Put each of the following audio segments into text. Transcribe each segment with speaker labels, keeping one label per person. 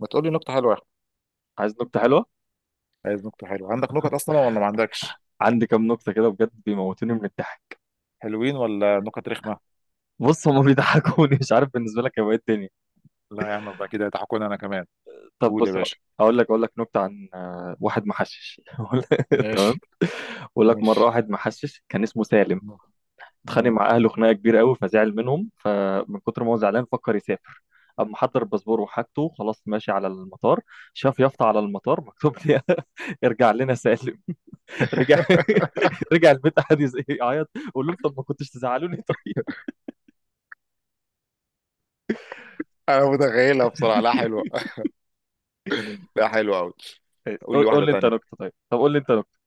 Speaker 1: ما تقول لي نكتة حلوة يا أحمد.
Speaker 2: عايز نكتة حلوة.
Speaker 1: عايز نكتة حلوة؟ عندك نكت أصلا ولا ما عندكش؟
Speaker 2: عندي كام نكتة كده بجد بيموتوني من الضحك.
Speaker 1: حلوين ولا نكت رخمة؟
Speaker 2: بص، هما بيضحكوني، مش عارف بالنسبة لك هيبقى ايه الدنيا.
Speaker 1: لا يا عم يبقى كده يضحكوني أنا كمان.
Speaker 2: طب
Speaker 1: قول يا
Speaker 2: بص،
Speaker 1: باشا.
Speaker 2: هقول لك اقول لك نكتة عن واحد محشش
Speaker 1: ماشي.
Speaker 2: تمام. بقول لك مرة
Speaker 1: ماشي.
Speaker 2: واحد محشش كان اسمه سالم،
Speaker 1: مم.
Speaker 2: اتخانق مع اهله خناقة كبيرة قوي فزعل منهم، فمن كتر ما هو زعلان فكر يسافر. اما حضر الباسبور وحاجته خلاص، ماشي على المطار، شاف يافطة على المطار مكتوب لي ارجع لنا سالم. رجع. رجع البيت، قعد يعيط. قول له انت ما كنتش تزعلوني.
Speaker 1: أنا متخيلها بصراحة لا حلوة.
Speaker 2: طيب.
Speaker 1: لا حلوة أوي. قول
Speaker 2: قول
Speaker 1: لي
Speaker 2: قول
Speaker 1: واحدة
Speaker 2: لي انت
Speaker 1: تانية.
Speaker 2: نكته، طب قول لي انت نكته.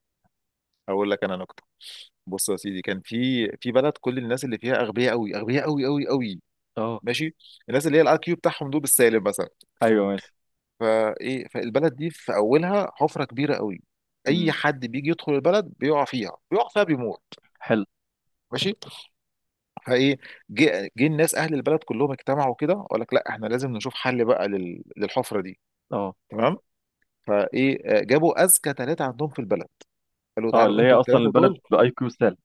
Speaker 1: أقول لك أنا نكتة. بص يا سيدي، كان في بلد كل الناس اللي فيها أغبياء أوي، أغبياء أوي أوي أوي.
Speaker 2: اه،
Speaker 1: ماشي. الناس اللي هي الاي كيو بتاعهم دول بالسالب مثلا.
Speaker 2: ايوه، ماشي.
Speaker 1: فايه، فالبلد دي في اولها حفره كبيره قوي. اي
Speaker 2: امم.
Speaker 1: حد بيجي يدخل البلد بيقع فيها، بيموت
Speaker 2: حلو.
Speaker 1: ماشي. فايه، جه الناس اهل البلد كلهم اجتمعوا كده وقال لك لا احنا لازم نشوف حل بقى للحفره دي.
Speaker 2: اه،
Speaker 1: تمام. فايه، جابوا اذكى ثلاثه عندهم في البلد. قالوا
Speaker 2: اه،
Speaker 1: تعالوا
Speaker 2: اللي هي
Speaker 1: انتوا
Speaker 2: اصلا
Speaker 1: الثلاثه
Speaker 2: البلد
Speaker 1: دول.
Speaker 2: باي كيو سالب.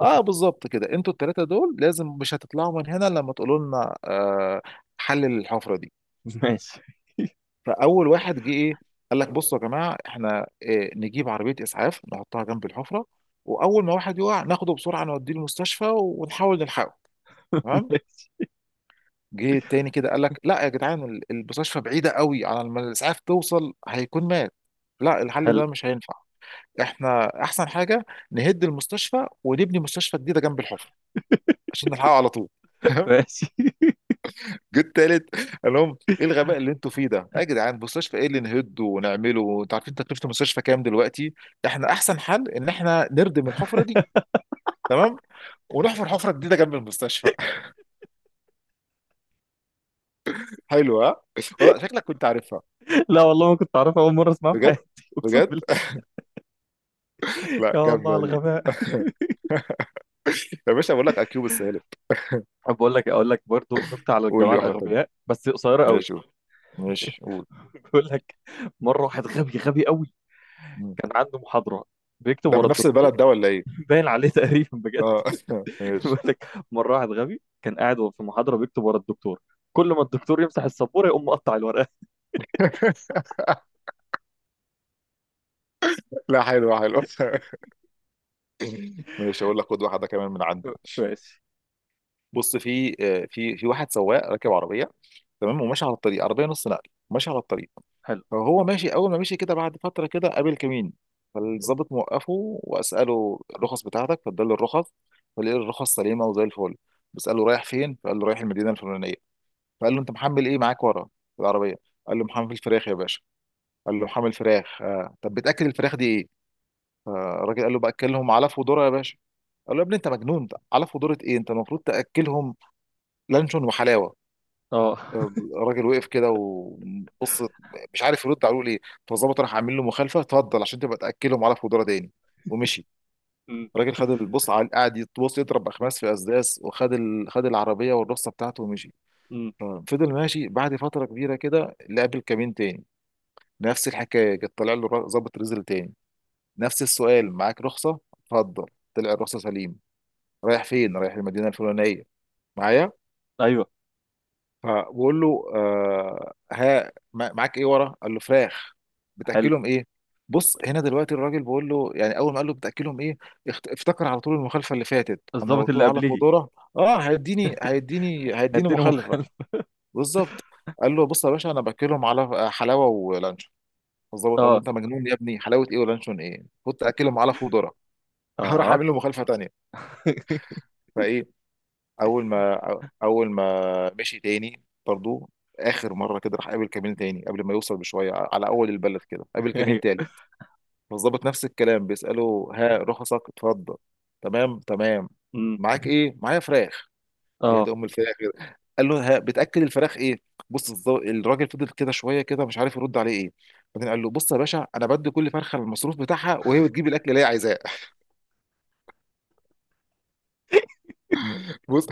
Speaker 1: اه بالظبط كده، انتوا الثلاثه دول لازم مش هتطلعوا من هنا لما تقولوا لنا حل للحفره دي.
Speaker 2: ماشي.
Speaker 1: فاول واحد جه ايه؟ قال لك بصوا يا جماعه، احنا نجيب عربيه اسعاف نحطها جنب الحفره. واول ما واحد يقع ناخده بسرعه نوديه المستشفى ونحاول نلحقه. تمام.
Speaker 2: ماشي.
Speaker 1: جه التاني كده قال لك لا يا جدعان، المستشفى بعيده قوي، على ما الاسعاف توصل هيكون مات. لا الحل
Speaker 2: حلو.
Speaker 1: ده مش هينفع. احنا احسن حاجه نهد المستشفى ونبني مستشفى جديده جنب الحفره عشان نلحقه على طول.
Speaker 2: ماشي.
Speaker 1: جيت تالت، قال لهم ايه الغباء اللي انتوا فيه ده يا جدعان؟ مستشفى ايه اللي نهده ونعمله؟ انتوا عارفين تكلفه المستشفى كام دلوقتي؟ احنا احسن حل ان احنا نردم الحفره دي، تمام، ونحفر حفره جديده جنب المستشفى. حلوه ها؟ والله شكلك كنت عارفها.
Speaker 2: لا والله ما كنت اعرفها، اول مره اسمعها في
Speaker 1: بجد؟
Speaker 2: حياتي اقسم
Speaker 1: بجد؟
Speaker 2: بالله.
Speaker 1: لا
Speaker 2: يا الله
Speaker 1: جامده
Speaker 2: على
Speaker 1: دي.
Speaker 2: الغباء.
Speaker 1: يا باشا بقول لك اكيوب السالب.
Speaker 2: طب بقول لك، اقول لك برضو نكته على
Speaker 1: قول
Speaker 2: الجماعه
Speaker 1: لي واحده تانيه.
Speaker 2: الاغبياء بس قصيره قوي.
Speaker 1: ماشي قول. ماشي قول.
Speaker 2: بقول لك مره واحد غبي غبي قوي،
Speaker 1: مم.
Speaker 2: كان عنده محاضره بيكتب
Speaker 1: ده
Speaker 2: ورا
Speaker 1: من نفس
Speaker 2: الدكتور.
Speaker 1: البلد ده ولا ايه؟
Speaker 2: باين عليه تقريبا بجد.
Speaker 1: اه
Speaker 2: بيقول
Speaker 1: ماشي.
Speaker 2: لك مره واحد غبي كان قاعد في محاضره بيكتب ورا الدكتور، كل ما الدكتور يمسح السبوره يقوم مقطع الورقه.
Speaker 1: لا حلو، حلو. ماشي اقول لك خد واحده كمان من عندي.
Speaker 2: ماشي.
Speaker 1: بص، في آه، في في واحد سواق راكب عربيه، تمام، وماشي على الطريق، عربيه نص نقل ماشي على الطريق.
Speaker 2: حلو.
Speaker 1: فهو ماشي اول ما مشي كده، بعد فتره كده قابل كمين. فالظابط موقفه واساله الرخص بتاعتك، فاداله الرخص. فقال له الرخص سليمه وزي الفل. بساله رايح فين؟ فقال له رايح المدينه الفلانيه. فقال له انت محمل ايه معاك ورا في العربيه؟ قال له محمل فراخ يا باشا. قال له محمل فراخ. طب بتاكل الفراخ دي ايه؟ فالراجل قال له باكلهم علف وذره يا باشا. قال له يا ابني انت مجنون، علف وذره ايه؟ انت المفروض تاكلهم لانشون وحلاوه.
Speaker 2: اه.
Speaker 1: الراجل وقف كده وبص، مش عارف يرد على ليه. فالظابط راح عامل له مخالفه، اتفضل عشان تبقى تاكلهم على فودره تاني. ومشي
Speaker 2: أمم،
Speaker 1: الراجل، خد البص على قاعد يتبص يضرب اخماس في اسداس، وخد خد العربيه والرصه بتاعته ومشي.
Speaker 2: أمم.
Speaker 1: ففضل ماشي، بعد فتره كبيره كده لقى كمين تاني. نفس الحكايه جت، طلع له ظابط رزل تاني. نفس السؤال، معاك رخصه اتفضل. طلع الرخصه سليم. رايح فين؟ رايح المدينه الفلانيه. معايا،
Speaker 2: ايوه.
Speaker 1: فبقول له آه ها، معاك ايه ورا؟ قال له فراخ.
Speaker 2: حلو.
Speaker 1: بتاكلهم ايه؟ بص هنا دلوقتي الراجل بقول له يعني، اول ما قال له بتاكلهم ايه، افتكر على طول المخالفه اللي فاتت، انا لو
Speaker 2: الضابط
Speaker 1: قلت
Speaker 2: اللي
Speaker 1: له على
Speaker 2: قبليه.
Speaker 1: قدره اه هيديني،
Speaker 2: اديني
Speaker 1: مخالفه.
Speaker 2: مخل.
Speaker 1: بالظبط. قال له بص يا باشا انا باكلهم على حلاوه ولانشون. الظابط قال له
Speaker 2: اه،
Speaker 1: انت مجنون يا ابني، حلاوه ايه ولانشون ايه؟ كنت اكلهم على فودره. هروح
Speaker 2: اه.
Speaker 1: اعمل له مخالفه تانيه. فايه، اول ما اول ما مشي تاني برضو، اخر مره كده راح قابل كمين تاني قبل ما يوصل بشويه، على اول البلد كده قابل كمين
Speaker 2: ايوه.
Speaker 1: تالت. فالظابط نفس الكلام، بيساله ها رخصك اتفضل. تمام تمام.
Speaker 2: أمم،
Speaker 1: معاك ايه؟ معايا فراخ. يا دي
Speaker 2: اه.
Speaker 1: ام الفراخ كده. قال له ها بتاكل الفراخ ايه؟ بص الراجل فضل كده شويه كده مش عارف يرد عليه ايه. بعدين قال له بص يا باشا انا بدي كل فرخه المصروف بتاعها وهي بتجيب الاكل اللي هي عايزاه. بص،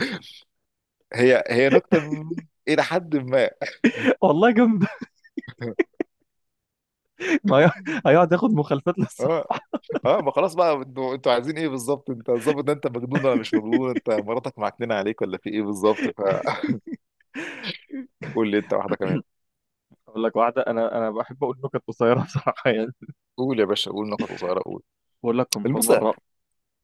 Speaker 1: هي نكته الى حد ما.
Speaker 2: والله جامد. ما هي- هيقعد ياخد مخالفات للصبح.
Speaker 1: اه. اه. ما خلاص بقى، انتوا عايزين ايه بالظبط؟ انت الظابط ده انت مجنون ولا مش مجنون؟ انت مراتك معكننه عليك ولا في ايه بالظبط؟ فقول لي انت واحده كمان.
Speaker 2: اقول لك واحده، انا بحب اقول نكت قصيره بصراحه يعني.
Speaker 1: قول يا باشا، قول نقط قصيره قول.
Speaker 2: بقول لكم في
Speaker 1: البص،
Speaker 2: مره.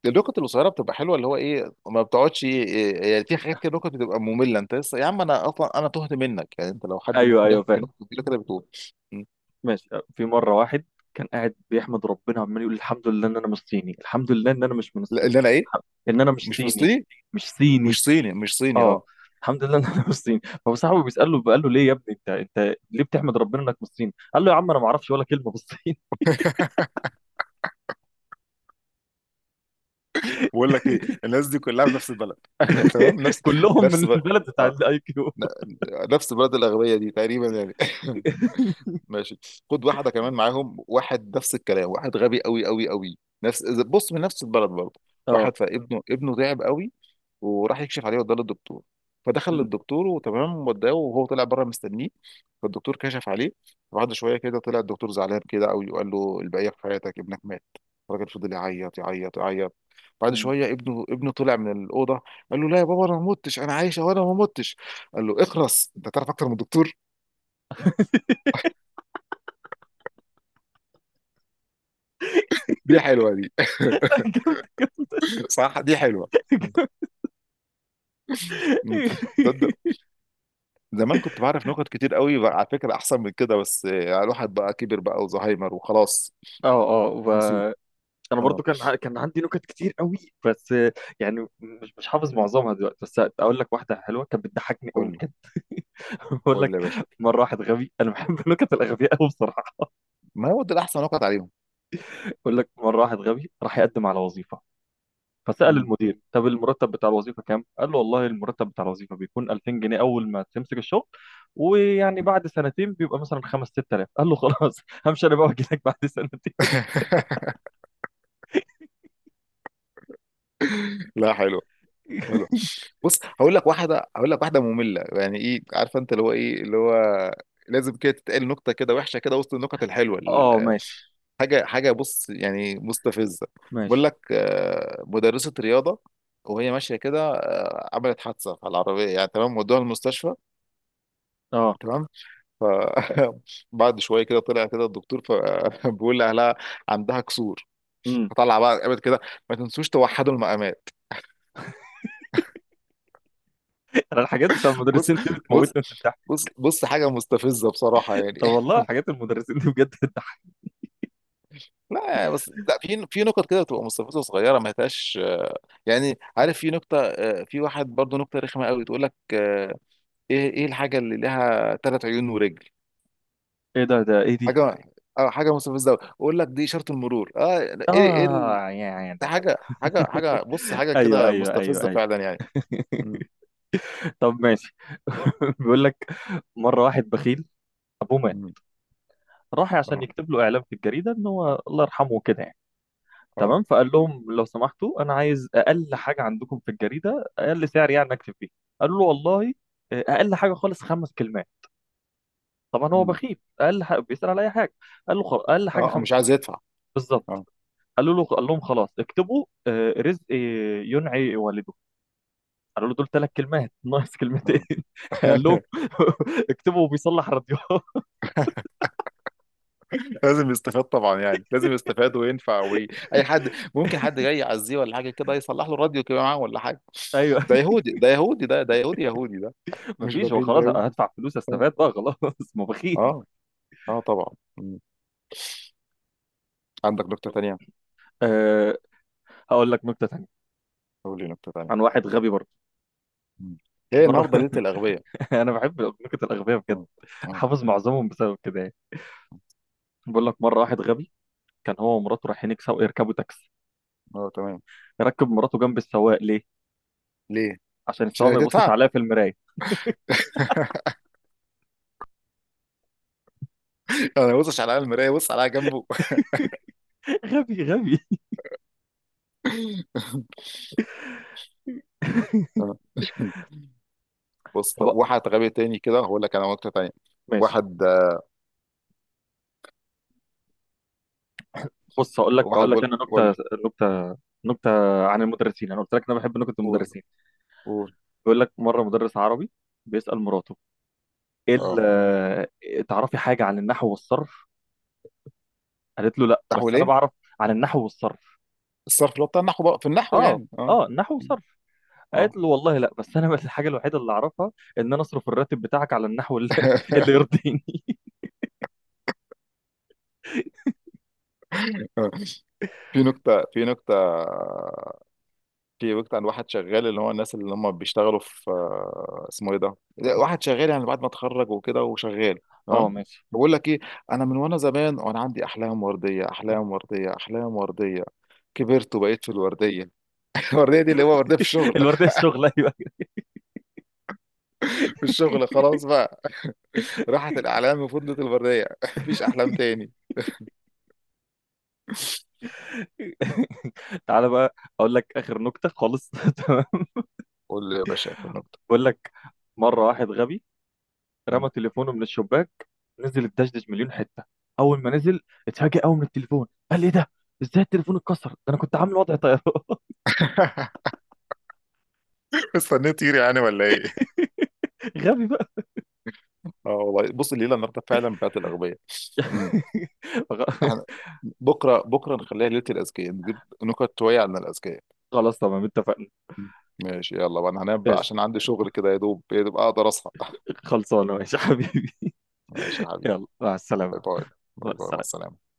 Speaker 1: النقط القصيره بتبقى حلوه، اللي هو ايه، ما بتقعدش ايه، إيه، ايه، يعني في حاجات كده نقط بتبقى ممله انت لسه يا عم، انا اصلا انا تهت منك. يعني انت لو حد
Speaker 2: ايوه،
Speaker 1: ممكن
Speaker 2: ايوه، فاهم.
Speaker 1: يحكي نقطه كبيره كده بتقول. م.
Speaker 2: ماشي. في مرة واحد كان قاعد بيحمد ربنا، عمال يقول الحمد لله ان انا مش صيني، الحمد لله ان انا مش من
Speaker 1: لا،
Speaker 2: الصين.
Speaker 1: اللي انا ايه،
Speaker 2: ان انا مش
Speaker 1: مش
Speaker 2: صيني.
Speaker 1: فلسطيني،
Speaker 2: مش صيني.
Speaker 1: مش صيني. مش صيني،
Speaker 2: اه.
Speaker 1: اه.
Speaker 2: الحمد لله ان انا مش صيني، فهو صاحبه بيسأله قال له ليه يا ابني انت، انت ليه بتحمد ربنا انك مش صيني؟ قال له يا عم انا ما اعرفش ولا كلمة بالصين.
Speaker 1: بقول لك ايه، الناس دي كلها في نفس البلد؟ تمام، نفس،
Speaker 2: كلهم
Speaker 1: نفس
Speaker 2: من
Speaker 1: بلد،
Speaker 2: البلد بتاع الاي كيو.
Speaker 1: ن- نفس البلد الأغبية دي تقريبا يعني. ماشي. خد واحده كمان معاهم. واحد نفس الكلام، واحد غبي قوي قوي قوي، نفس بص من نفس البلد برضه.
Speaker 2: اه.
Speaker 1: واحد، فابنه تعب قوي وراح يكشف عليه، وده للدكتور. فدخل
Speaker 2: م-
Speaker 1: للدكتور وتمام، وداه وهو طلع بره مستنيه. فالدكتور كشف عليه، بعد شويه كده طلع الدكتور زعلان كده قوي وقال له البقيه في حياتك، ابنك مات. الراجل فضل يعيط يعيط يعيط. بعد
Speaker 2: م.
Speaker 1: شويه ابنه طلع من الاوضه، قال له لا يا بابا انا ما متش، انا عايشه وانا ما متش. قال له اخرس انت تعرف اكتر من الدكتور. دي حلوه دي.
Speaker 2: لا، جامد.
Speaker 1: صح، دي حلوه. مم. تصدق، زمان كنت بعرف نكت كتير قوي بقى على فكره احسن من كده، بس الواحد بقى كبر بقى وزهايمر وخلاص،
Speaker 2: اه،
Speaker 1: نسيت.
Speaker 2: اه. انا
Speaker 1: اه.
Speaker 2: برضو كان عندي نكت كتير قوي، بس يعني مش حافظ معظمها دلوقتي، بس اقول لك واحده حلوه كانت بتضحكني قوي
Speaker 1: قول لي،
Speaker 2: بجد. بقول
Speaker 1: قول
Speaker 2: لك
Speaker 1: لي يا باشا.
Speaker 2: مره واحد غبي، انا بحب النكت الاغبياء قوي بصراحه.
Speaker 1: ما هو ده الاحسن، نكت عليهم.
Speaker 2: بقول لك مره واحد غبي راح يقدم على وظيفه، فسال
Speaker 1: مم.
Speaker 2: المدير طب المرتب بتاع الوظيفه كام؟ قال له والله المرتب بتاع الوظيفه بيكون 2000 جنيه اول ما تمسك الشغل، ويعني بعد سنتين بيبقى مثلا 5 6000. قال له خلاص، همشي انا بقى واجي لك بعد سنتين.
Speaker 1: لا حلو، حلو. بص هقول لك واحده، هقول لك واحده ممله، يعني ايه عارفه، انت اللي هو ايه اللي هو لازم كده تتقال نكته كده وحشه كده وسط النكت الحلوه،
Speaker 2: اه. ماشي،
Speaker 1: حاجه، حاجه، بص يعني مستفزه.
Speaker 2: ماشي.
Speaker 1: بقول لك، مدرسه رياضه، وهي ماشيه كده عملت حادثه على العربيه يعني، تمام، ودوها المستشفى،
Speaker 2: اه.
Speaker 1: تمام. ف بعد شويه كده طلع كده الدكتور بيقول لاهلها عندها كسور.
Speaker 2: إمم.
Speaker 1: فطلع بقى قامت كده، ما تنسوش توحدوا المقامات.
Speaker 2: انا الحاجات بتاع
Speaker 1: بص
Speaker 2: المدرسين دي بتموتني
Speaker 1: بص
Speaker 2: من الضحك.
Speaker 1: بص بص، حاجة مستفزة بصراحة يعني.
Speaker 2: طب والله حاجات المدرسين دي بجد بتضحك.
Speaker 1: لا بس لا، في نكت كده بتبقى مستفزة صغيرة ما هياش يعني عارف. في نكتة في واحد برضه نكتة رخمة قوي تقول لك ايه، الحاجة اللي لها ثلاث عيون ورجل؟
Speaker 2: ايه ده؟ ده ايه دي؟
Speaker 1: حاجة اه حاجة مستفزة قوي، اقول لك دي إشارة المرور. اه ايه ايه
Speaker 2: اه، يعني
Speaker 1: ده
Speaker 2: لا، لا.
Speaker 1: حاجة، حاجة بص، حاجة
Speaker 2: ايوه،
Speaker 1: كده
Speaker 2: ايوه، ايوه،
Speaker 1: مستفزة
Speaker 2: ايوه.
Speaker 1: فعلا يعني. مم.
Speaker 2: طب ماشي. بيقول لك مره واحد بخيل ابوه مات،
Speaker 1: مم.
Speaker 2: راح عشان
Speaker 1: اه.
Speaker 2: يكتب له اعلان في الجريده ان هو الله يرحمه كده يعني.
Speaker 1: اه.
Speaker 2: تمام؟ فقال لهم لو سمحتوا انا عايز اقل حاجه عندكم في الجريده، اقل سعر يعني اكتب فيه. قالوا له والله اقل حاجه خالص خمس كلمات. طبعا هو
Speaker 1: مم.
Speaker 2: بخيل، اقل حاجه بيسال على اي حاجه. قال له خلاص اقل حاجه
Speaker 1: اه.
Speaker 2: خمس
Speaker 1: مش عايز
Speaker 2: كلمات.
Speaker 1: يدفع.
Speaker 2: بالظبط.
Speaker 1: اه.
Speaker 2: قالوا له. قال لهم خلاص اكتبوا رزق ينعي والده. قالوا له دول ثلاث كلمات، ناقص كلمتين.
Speaker 1: اه.
Speaker 2: قال لهم اكتبوا بيصلح راديو.
Speaker 1: لازم يستفاد طبعا يعني، لازم يستفاد وينفع اي حد، ممكن حد جاي يعزيه ولا حاجه كده يصلح له راديو كده معاه ولا حاجه.
Speaker 2: ايوه.
Speaker 1: ده يهودي، ده يهودي، ده ده يهودي، يهودي ده.
Speaker 2: ما
Speaker 1: مش
Speaker 2: فيش، هو
Speaker 1: بخيل ده
Speaker 2: خلاص
Speaker 1: يهودي.
Speaker 2: هدفع فلوس،
Speaker 1: اه.
Speaker 2: استفاد بقى خلاص ما بخيل.
Speaker 1: اه. آه طبعا. مم. عندك نكته تانيه؟
Speaker 2: أه. هقول لك نكته ثانيه
Speaker 1: قول لي نكته
Speaker 2: عن
Speaker 1: تانيه.
Speaker 2: واحد غبي برضه.
Speaker 1: مم. ايه
Speaker 2: مره
Speaker 1: النهارده ليله الاغبياء؟
Speaker 2: انا بحب نكت الاغبياء بجد،
Speaker 1: اه. اه.
Speaker 2: حافظ معظمهم بسبب كده يعني. بقول لك مره واحد غبي كان هو ومراته رايحين يكسبوا، يركبوا تاكسي،
Speaker 1: تمام.
Speaker 2: ركب مراته جنب السواق. ليه؟
Speaker 1: ليه؟
Speaker 2: عشان
Speaker 1: مش
Speaker 2: السواق ما يبصش
Speaker 1: هتدفع.
Speaker 2: عليها في المرايه.
Speaker 1: انا بصش على المرايه، بص عليها جنبه.
Speaker 2: غبي غبي.
Speaker 1: آه. بص طب
Speaker 2: طب
Speaker 1: واحد غبي تاني كده هقول لك انا نكته تانيه.
Speaker 2: ماشي.
Speaker 1: واحد،
Speaker 2: بص، هقول لك
Speaker 1: واحد
Speaker 2: هقول لك انا نكته.
Speaker 1: بيقول.
Speaker 2: نكته نكته عن المدرسين، انا قلت لك انا بحب نكت
Speaker 1: قول.
Speaker 2: المدرسين.
Speaker 1: قول.
Speaker 2: بيقول لك مره مدرس عربي بيسأل مراته ايه ال-
Speaker 1: اه.
Speaker 2: آه، تعرفي حاجه عن النحو والصرف؟ قالت له لا
Speaker 1: نحو
Speaker 2: بس انا
Speaker 1: ليه؟
Speaker 2: بعرف. عن النحو والصرف.
Speaker 1: الصرف اللي هو بتاع النحو بقى، في النحو
Speaker 2: اه،
Speaker 1: يعني، اه.
Speaker 2: اه، النحو والصرف.
Speaker 1: اه.
Speaker 2: قالت له والله لا، بس انا بس الحاجه الوحيده اللي اعرفها ان انا اصرف الراتب بتاعك على النحو اللي يرضيني.
Speaker 1: في نكتة، في نكتة عن واحد شغال، اللي هو الناس اللي هم بيشتغلوا في اسمه ايه ده؟ لا، واحد شغال يعني بعد ما اتخرج وكده وشغال،
Speaker 2: اه،
Speaker 1: تمام؟
Speaker 2: ماشي.
Speaker 1: بقول لك ايه، انا من وانا زمان وانا عندي احلام ورديه، احلام ورديه، احلام ورديه، كبرت وبقيت في الورديه. الورديه دي اللي هو ورديه في الشغل.
Speaker 2: الورديه الشغل، ايوه.
Speaker 1: في الشغل خلاص بقى، راحت الاحلام وفضلت الورديه. مفيش احلام تاني.
Speaker 2: تعالى بقى اقول لك اخر نكته خالص تمام.
Speaker 1: قول لي يا باشا في النقطة.
Speaker 2: بقول لك مره واحد غبي
Speaker 1: مم.
Speaker 2: رمى تليفونه من الشباك، نزل الدشدش مليون حته. اول ما نزل اتفاجئ قوي من التليفون، قال ايه ده؟ ازاي التليفون اتكسر ده، انا كنت عامل وضع طيارة.
Speaker 1: استنيت تطير يعني ولا ايه؟
Speaker 2: غبي بقى.
Speaker 1: اه والله بص، الليلة النهاردة فعلا بتاعت الأغبياء. مم.
Speaker 2: غ-
Speaker 1: احنا بكرة، نخليها ليلة الأذكياء، نجيب نكت شوية عن الأذكياء.
Speaker 2: خلاص تمام اتفقنا.
Speaker 1: مم. ماشي، يلا بقى انا هنام بقى
Speaker 2: ماشي.
Speaker 1: عشان عندي شغل كده، يا دوب اقدر اصحى.
Speaker 2: خلصانه. ماشي يا حبيبي.
Speaker 1: ماشي يا حبيبي.
Speaker 2: يلا مع السلامه.
Speaker 1: باي باي.
Speaker 2: مع
Speaker 1: باي باي، مع
Speaker 2: السلامه.
Speaker 1: السلامة.